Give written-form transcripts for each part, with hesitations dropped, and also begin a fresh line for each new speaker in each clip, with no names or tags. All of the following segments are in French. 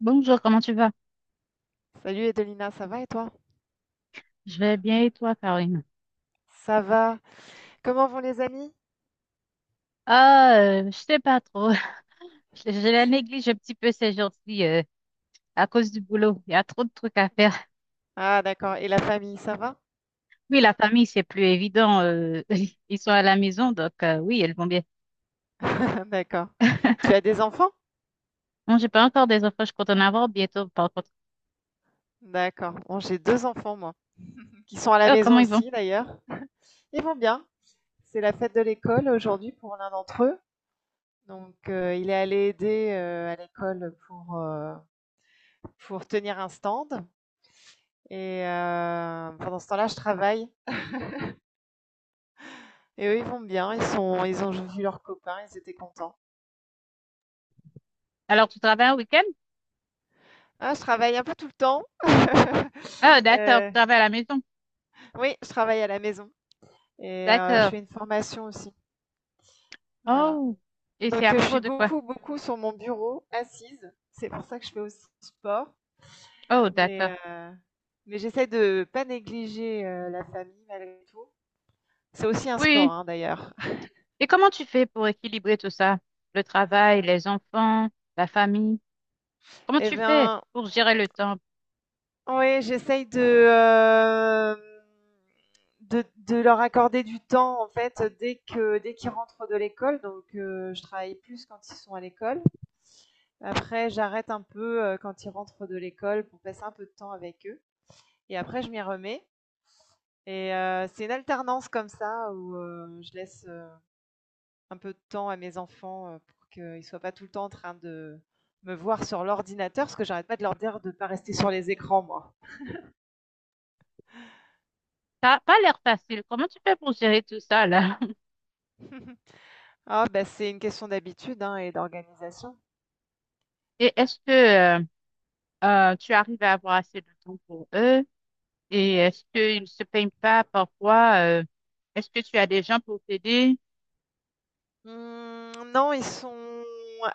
Bonjour, comment tu vas?
Salut Edelina, ça va et toi?
Je vais bien et toi, Karine?
Ça va. Comment vont les amis?
Ah, je sais pas trop. Je la néglige un petit peu ces jours-ci à cause du boulot. Il y a trop de trucs à faire.
Ah d'accord. Et la famille, ça va?
Oui, la famille, c'est plus évident. Ils sont à la maison, donc oui, elles vont bien.
D'accord. Tu as des enfants?
Non, j'ai pas encore des enfants, je compte en avoir bientôt, par contre.
D'accord. Bon, j'ai deux enfants, moi, qui sont à la
Oh,
maison
comment ils vont?
aussi d'ailleurs. Ils vont bien. C'est la fête de l'école aujourd'hui pour l'un d'entre eux. Donc, il est allé aider à l'école pour tenir un stand. Et pendant ce temps-là, je travaille. Et eux, ils vont bien. Ils sont, ils ont vu leurs copains. Ils étaient contents.
Alors, tu travailles un week-end?
Ah, je travaille un peu tout le temps.
Ah, d'accord, tu
Euh,
travailles à la maison.
Oui, je travaille à la maison et je
D'accord.
fais une formation aussi, voilà.
Oh, et c'est
Donc
à
je
propos
suis
de quoi?
beaucoup, beaucoup sur mon bureau, assise. C'est pour ça que je fais aussi du sport,
Oh,
mais
d'accord.
heu, mais j'essaie de pas négliger, la famille malgré tout. C'est aussi un sport,
Oui.
hein, d'ailleurs.
Et comment tu fais pour équilibrer tout ça? Le travail, les enfants, la famille? Comment
Et
tu fais
ben,
pour gérer le temps?
oui, j'essaye de, hem, de leur accorder du temps, en fait, dès qu'ils rentrent de l'école, donc je travaille plus quand ils sont à l'école. Après, j'arrête un peu quand ils rentrent de l'école pour passer un peu de temps avec eux. Et après, je m'y remets. Et c'est une alternance comme ça où je laisse un peu de temps à mes enfants pour qu'ils ne soient pas tout le temps en train de me voir sur l'ordinateur, parce que j'arrête pas de leur dire de ne pas rester sur les écrans, moi.
T'as pas l'air facile. Comment tu fais pour gérer tout ça là?
Ah, bah, c'est une question d'habitude hein, et d'organisation.
Et est-ce que tu arrives à avoir assez de temps pour eux? Et est-ce qu'ils ne se peignent pas parfois? Est-ce que tu as des gens pour t'aider?
Non, ils sont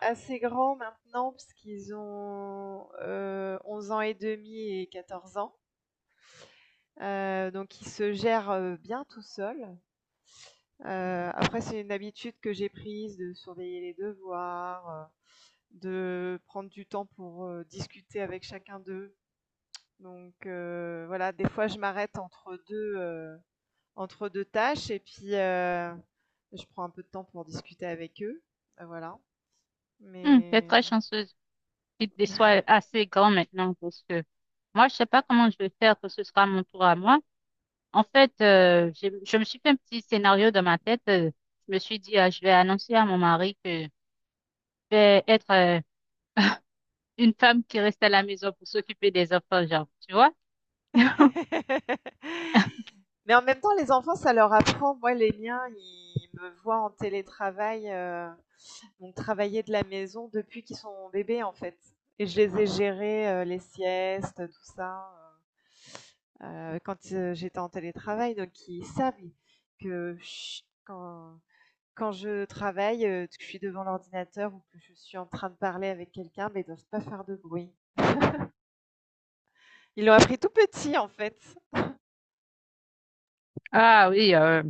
assez grands maintenant, puisqu'ils ont 11 ans et demi et 14 ans. Donc il se gère, bien tout seul. Après c'est une habitude que j'ai prise de surveiller les devoirs, de prendre du temps pour, discuter avec chacun d'eux. Donc voilà, des fois je m'arrête entre 2 tâches et puis, je prends un peu de temps pour discuter avec eux, voilà.
Hmm, t'es
Mais
très chanceuse qu'ils te soient assez grands maintenant parce que moi, je sais pas comment je vais faire que ce sera mon tour à moi. En fait, je me suis fait un petit scénario dans ma tête. Je me suis dit, ah, je vais annoncer à mon mari que je vais être une femme qui reste à la maison pour s'occuper des enfants, genre, tu vois?
mais en même temps les enfants ça leur apprend. Moi les miens, ils me voient en télétravail. Donc travailler de la maison depuis qu'ils sont bébés en fait. Et je les ai gérés, les siestes, tout ça, quand j'étais en télétravail. Donc ils savent que je- quand, quand je travaille, que je suis devant l'ordinateur ou que je suis en train de parler avec quelqu'un, mais ils ne doivent pas faire de bruit. Ils l'ont appris tout petit en fait.
Ah oui, euh,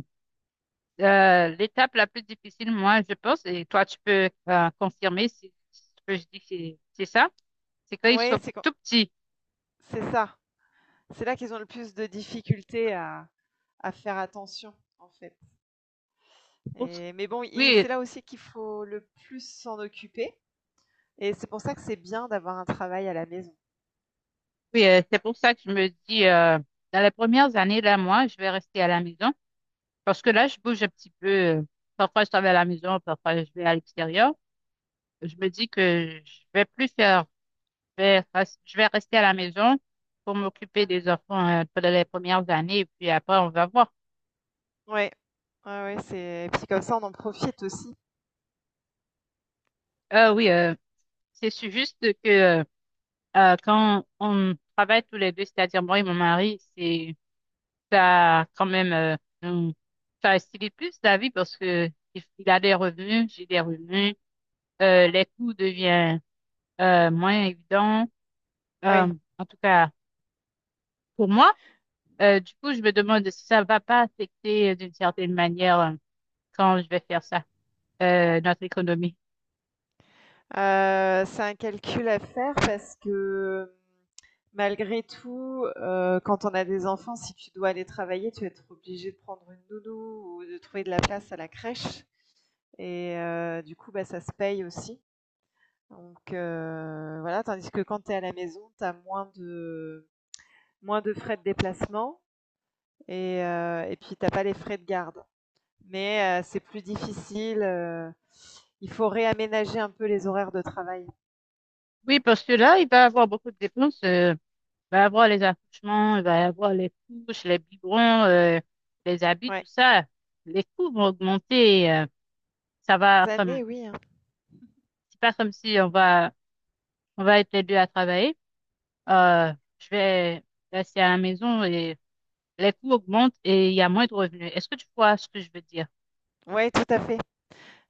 euh, l'étape la plus difficile, moi, je pense, et toi, tu peux confirmer si, si tu peux, je dis que c'est ça, c'est quand ils
Oui,
sont tout petits.
c'est ça. C'est là qu'ils ont le plus de difficultés à faire attention en fait. Et mais bon, i c'est
Oui,
là aussi qu'il faut le plus s'en occuper et c'est pour ça que c'est bien d'avoir un travail à la maison.
oui, c'est pour ça que je me dis, dans les premières années, là, moi, je vais rester à la maison parce que là, je bouge un petit peu. Parfois, je travaille à la maison, parfois, je vais à l'extérieur. Je me dis que je vais plus faire je vais rester à la maison pour m'occuper des enfants pendant les premières années et puis après on va voir.
Ouais. Ouais, ouais, c'est et puis comme ça, on en profite aussi.
Oui, juste que euh, quand on travaille tous les deux, c'est-à-dire moi et mon mari, c'est ça quand même nous- ça facilite plus la vie parce que il a des revenus, j'ai des revenus, les coûts deviennent moins évidents.
Oui,
En tout cas pour moi. Du coup, je me demande si ça va pas affecter d'une certaine manière quand je vais faire ça. Notre économie.
c'est un calcul à faire parce que, malgré tout, quand on a des enfants, si tu dois aller travailler, tu vas être obligé de prendre une nounou ou de trouver de la place à la crèche et du coup, bah, ça se paye aussi. Donc voilà, tandis que quand tu es à la maison, tu as moins de frais de déplacement et puis tu as pas les frais de garde. Mais c'est plus difficile, il faut réaménager un peu les horaires de travail.
Oui, parce que là, il va y avoir beaucoup de dépenses. Il va y avoir les accouchements, il va y avoir les couches, les biberons, les habits,
Ouais.
tout ça. Les coûts vont augmenter. Ça va
Des
comme,
années, oui, hein.
c'est pas comme si on va être les deux à travailler. Euh, je vais rester à la maison et les coûts augmentent et il y a moins de revenus. Est-ce que tu vois ce que je veux dire?
Ouais, tout à fait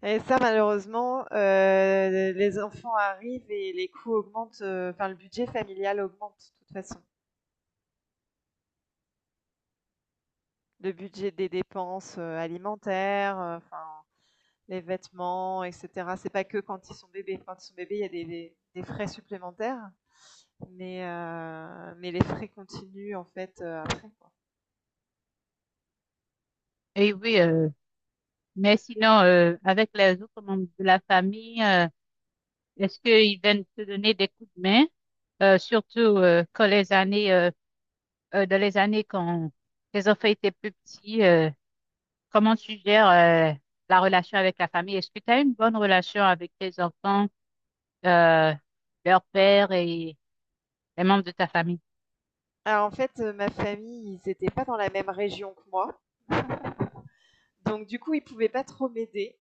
et ça malheureusement, les enfants arrivent et les coûts augmentent, enfin le budget familial augmente de toute façon. Le budget des dépenses, alimentaires, enfin les vêtements, etc. C'est pas que quand ils sont bébés. Quand ils sont bébés, il y a des, des frais supplémentaires, mais les frais continuent en fait après, quoi.
Et oui, mais sinon, avec les autres membres de la famille, est-ce qu'ils viennent te donner des coups de main, surtout quand les années, dans les années quand tes enfants étaient plus petits, comment tu gères la relation avec la famille? Est-ce que tu as une bonne relation avec tes enfants, euh, leur père et les membres de ta famille?
Alors en fait, ma famille, ils n'étaient pas dans la même région que moi, donc du coup, ils pouvaient pas trop m'aider.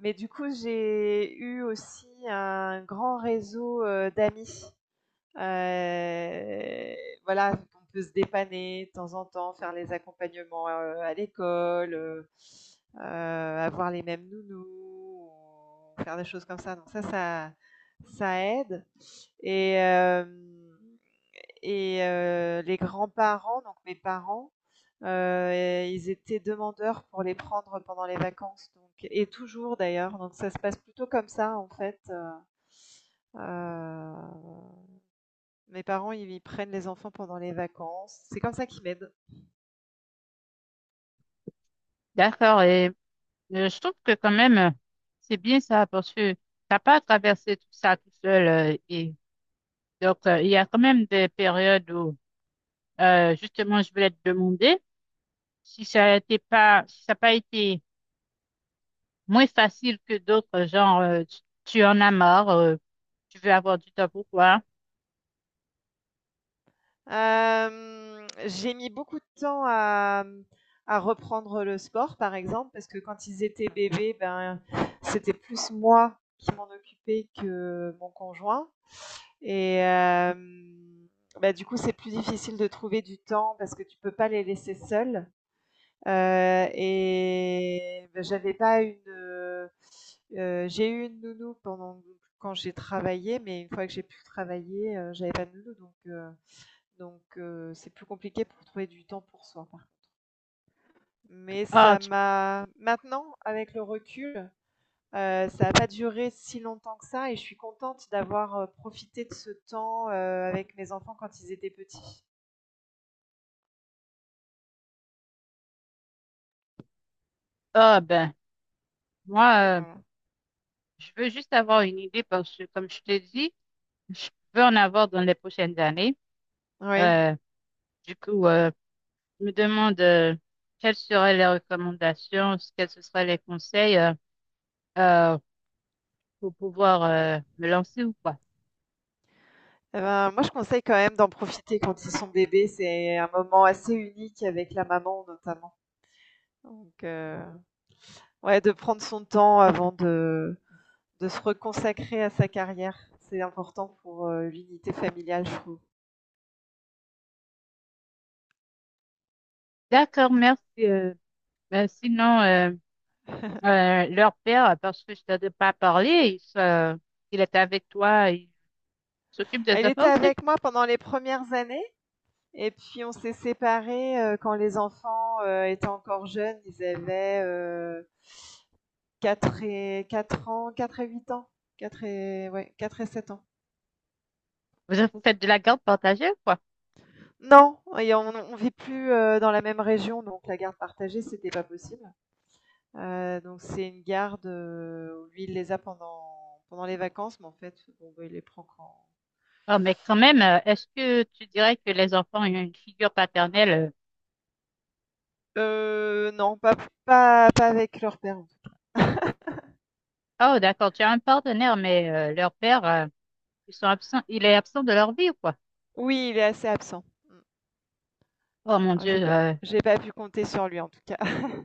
Mais du coup, j'ai eu aussi un grand réseau d'amis. Heu, voilà, on peut se dépanner de temps en temps, faire les accompagnements, à l'école, avoir les mêmes nounous ou faire des choses comme ça. Donc ça, ça aide et hem et les grands-parents, donc mes parents, heu, ils étaient demandeurs pour les prendre pendant les vacances, donc et toujours d'ailleurs, donc ça se passe plutôt comme ça en fait. Heu Mes parents, ils prennent les enfants pendant les vacances. C'est comme ça qu'ils m'aident.
D'accord. Et je trouve que quand même, c'est bien ça parce que t'as pas à traverser tout ça tout seul. Et donc, il y a quand même des périodes où, justement, je voulais te demander. Si ça n'a pas, si ça a pas été moins facile que d'autres, genre, tu en as marre, tu veux avoir du temps pour toi.
J'ai mis beaucoup de temps à reprendre le sport, par exemple, parce que quand ils étaient bébés, ben, c'était plus moi qui m'en occupais que mon conjoint et bah, du coup, c'est plus difficile de trouver du temps parce que tu peux pas les laisser seuls. Et bah, j'avais pas une, j'ai eu une nounou pendant quand j'ai travaillé, mais une fois que j'ai pu travailler, j'avais pas de nounou donc c'est plus compliqué pour trouver du temps pour soi, par contre. Mais
Ah,
ça
tu,
m'a maintenant, avec le recul, ça a pas duré si longtemps que ça et je suis contente d'avoir profité de ce temps, avec mes enfants quand ils étaient petits.
ben, moi,
Voilà.
je veux juste avoir une idée parce que, comme je te dis, je veux en avoir dans les prochaines années.
Oui.
Euh, du coup, je me demande quelles seraient les recommandations, quels ce seraient les conseils euh, pour pouvoir me lancer ou quoi.
Eh ben, moi, je conseille quand même d'en profiter quand ils sont bébés. C'est un moment assez unique avec la maman, notamment. Donc, ouais, de prendre son temps avant de se reconsacrer à sa carrière. C'est important pour l'unité familiale, je trouve.
D'accord, merci. Ben, sinon, euh, leur père, parce que je ne t'ai pas parlé, il, se- il est avec toi, il s'occupe des
Elle était
enfants aussi.
avec moi pendant les premières années. Et puis, on s'est séparés quand les enfants étaient encore jeunes. Ils avaient 4 et 4 ans, 4 et 8 ans, 4 et, ouais, 4 et 7 ans.
Vous, vous faites de la garde partagée, quoi.
Non et on vit plus, dans la même région, donc la garde partagée, c'était pas possible. Donc c'est une garde, où lui, il les a pendant les vacances, mais en fait, bon, bah, il les prend quand.
Oh, mais quand même, est-ce que tu dirais que les enfants ont une figure paternelle?
Non, pas avec leur père, en tout cas.
Oh, d'accord, tu as un partenaire, mais leur père, ils sont absents, il est absent de leur vie, quoi.
Oui, il est assez absent. Mmh.
Oh mon
Ah,
Dieu,
j'ai pas j'ai pas pu compter sur lui, en tout cas.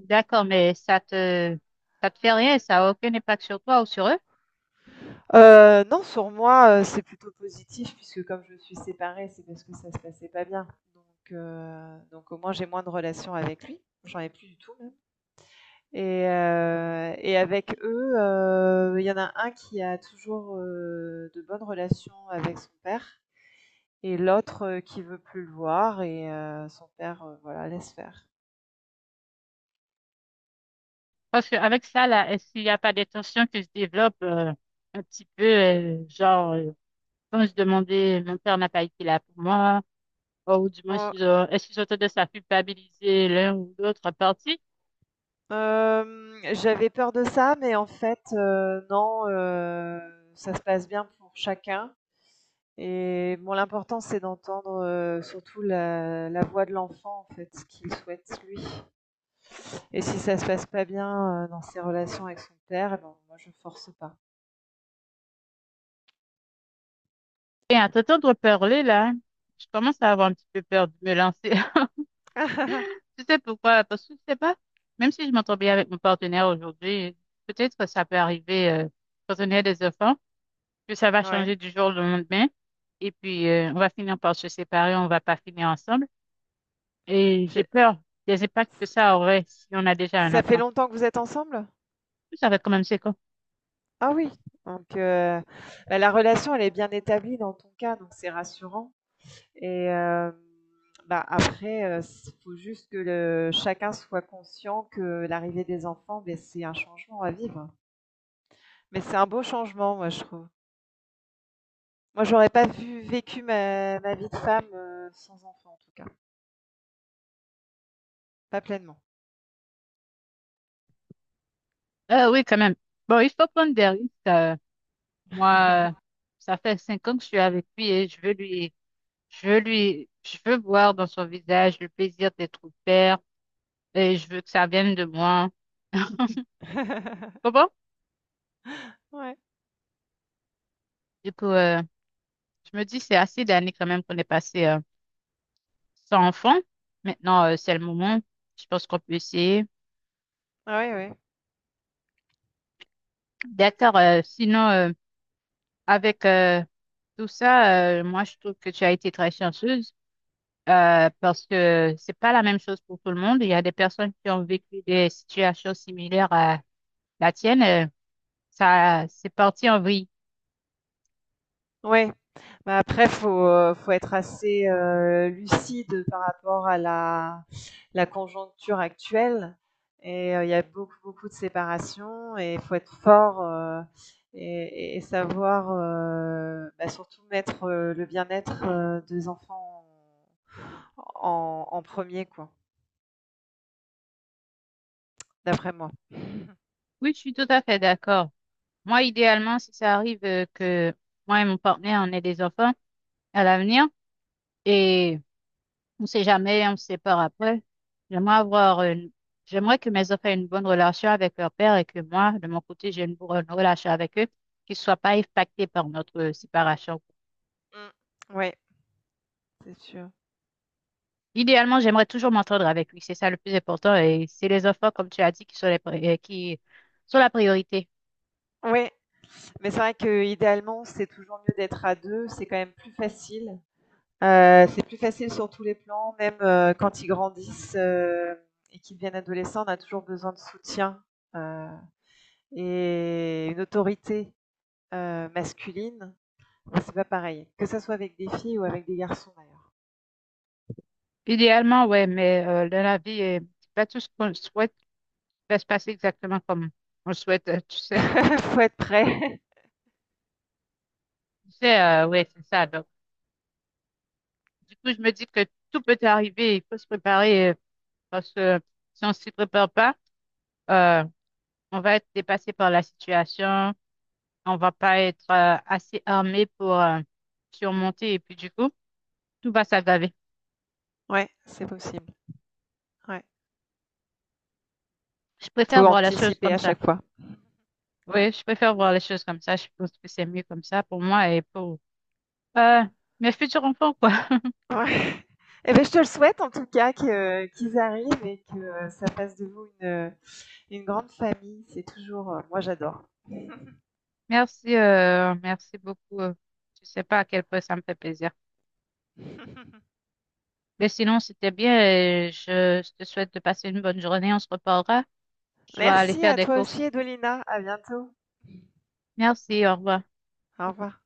d'accord, ça te fait rien, ça n'a aucun impact sur toi ou sur eux?
Non, sur moi, c'est plutôt positif puisque comme je suis séparée, c'est parce que ça se passait pas bien, donc donc au moins j'ai moins de relations avec lui. J'en ai plus du tout même. Et avec eux, il y en a un qui a toujours, de bonnes relations avec son père et l'autre, qui veut plus le voir et son père, voilà, laisse faire.
Parce qu'avec ça, là, s'il n'y a pas des tensions qui se développent, un petit peu, genre, quand je demandais, mon père n'a pas été là pour moi, ou du moins,
Oh,
si je- est-ce qu'ils ont tendance à culpabiliser l'un ou l'autre partie?
j'avais peur de ça, mais en fait, non, ça se passe bien pour chacun et bon, l'important, c'est d'entendre, surtout la voix de l'enfant, en fait, ce qu'il souhaite lui et si ça se passe pas bien, dans ses relations avec son père, eh ben, moi, je force pas.
Et à t'entendre parler, là, je commence à avoir un petit peu peur de me lancer. Tu sais pourquoi? Parce que je sais pas, même si je m'entends bien avec mon partenaire aujourd'hui, peut-être que ça peut arriver, quand on a des enfants, que ça va
Ouais.
changer du jour au lendemain, et puis, on va finir par se séparer, on va pas finir ensemble, et j'ai
J'ai
peur des impacts que ça aurait si on a déjà un
ça fait
enfant.
longtemps que vous êtes ensemble?
Ça va être quand même séquent.
Ah oui, donc bah, la relation, elle est bien établie dans ton cas, donc c'est rassurant et bah, après, il faut juste que le chacun soit conscient que l'arrivée des enfants, beh, c'est un changement à vivre. Mais c'est un beau changement, moi, je trouve. Moi, j'aurais pas vu vécu ma vie de femme, sans enfant, en tout cas, pas pleinement.
Oui, quand même. Bon, il faut prendre des risques. Moi, ça fait 5 ans que je suis avec lui et je veux voir dans son visage le plaisir d'être père et je veux que ça vienne de moi. Comment?
Ouais.
Du coup, je me dis, c'est assez d'années quand même qu'on est passé sans enfant. Maintenant, c'est le moment. Je pense qu'on peut essayer.
Ouais, ouais.
D'accord. Sinon, avec tout ça, moi, je trouve que tu as été très chanceuse. Parce que c'est pas la même chose pour tout le monde. Il y a des personnes qui ont vécu des situations similaires à la tienne. Ça, c'est parti en vrille.
Ouais, bah, après faut être assez, lucide par rapport à la conjoncture actuelle et il y a beaucoup, beaucoup de séparations et faut être fort, et savoir, bah, surtout mettre, le bien-être, des enfants en 1 quoi, d'après moi.
Oui, je suis tout à fait d'accord. Moi, idéalement, si ça arrive que moi et mon partenaire, on ait des enfants à l'avenir et on sait jamais, on se sépare après, j'aimerais avoir une- j'aimerais que mes enfants aient une bonne relation avec leur père et que moi, de mon côté, j'ai une bonne relation avec eux, qu'ils soient pas impactés par notre séparation.
Mmh. Ouais, c'est sûr.
Idéalement, j'aimerais toujours m'entendre avec lui. C'est ça le plus important. Et c'est les enfants, comme tu as dit, qui sont, qui sont la priorité.
Oui, mais c'est vrai qu'idéalement, c'est toujours mieux d'être à 2, c'est quand même plus facile. C'est plus facile sur tous les plans, même quand ils grandissent et qu'ils deviennent adolescents, on a toujours besoin de soutien euh, et une autorité masculine. Bon, c'est pas pareil, que ça soit avec des filles ou avec des garçons d'ailleurs.
Idéalement, ouais, mais dans la vie, c'est pas tout ce qu'on souhaite va se passer exactement comme on le souhaite, tu sais.
Faut être prêt.
Tu sais, ouais, c'est ça. Donc, du coup, je me dis que tout peut arriver. Il faut se préparer parce que si on s'y prépare pas, euh, on va être dépassé par la situation. On va pas être assez armé pour surmonter. Et puis, du coup, tout va s'aggraver.
Ouais, c'est possible. Ouais.
Je préfère
Faut
voir les choses
anticiper
comme
à
ça.
chaque fois. Ouais.
Oui, je préfère voir les choses comme ça. Je pense que c'est mieux comme ça pour moi et pour euh, mes futurs enfants, quoi.
Ouais. Eh ben, je te le souhaite en tout cas qu'ils arrivent et que ça fasse de vous une, grande famille. C'est toujours, moi j'adore.
Merci, merci beaucoup. Je sais pas à quel point ça me fait plaisir. Mais sinon, c'était bien. Et je te souhaite de passer une bonne journée. On se reparlera. Je dois aller
Merci
faire
à
des
toi
courses.
aussi, Edolina. À bientôt.
Merci, au revoir.
Au revoir.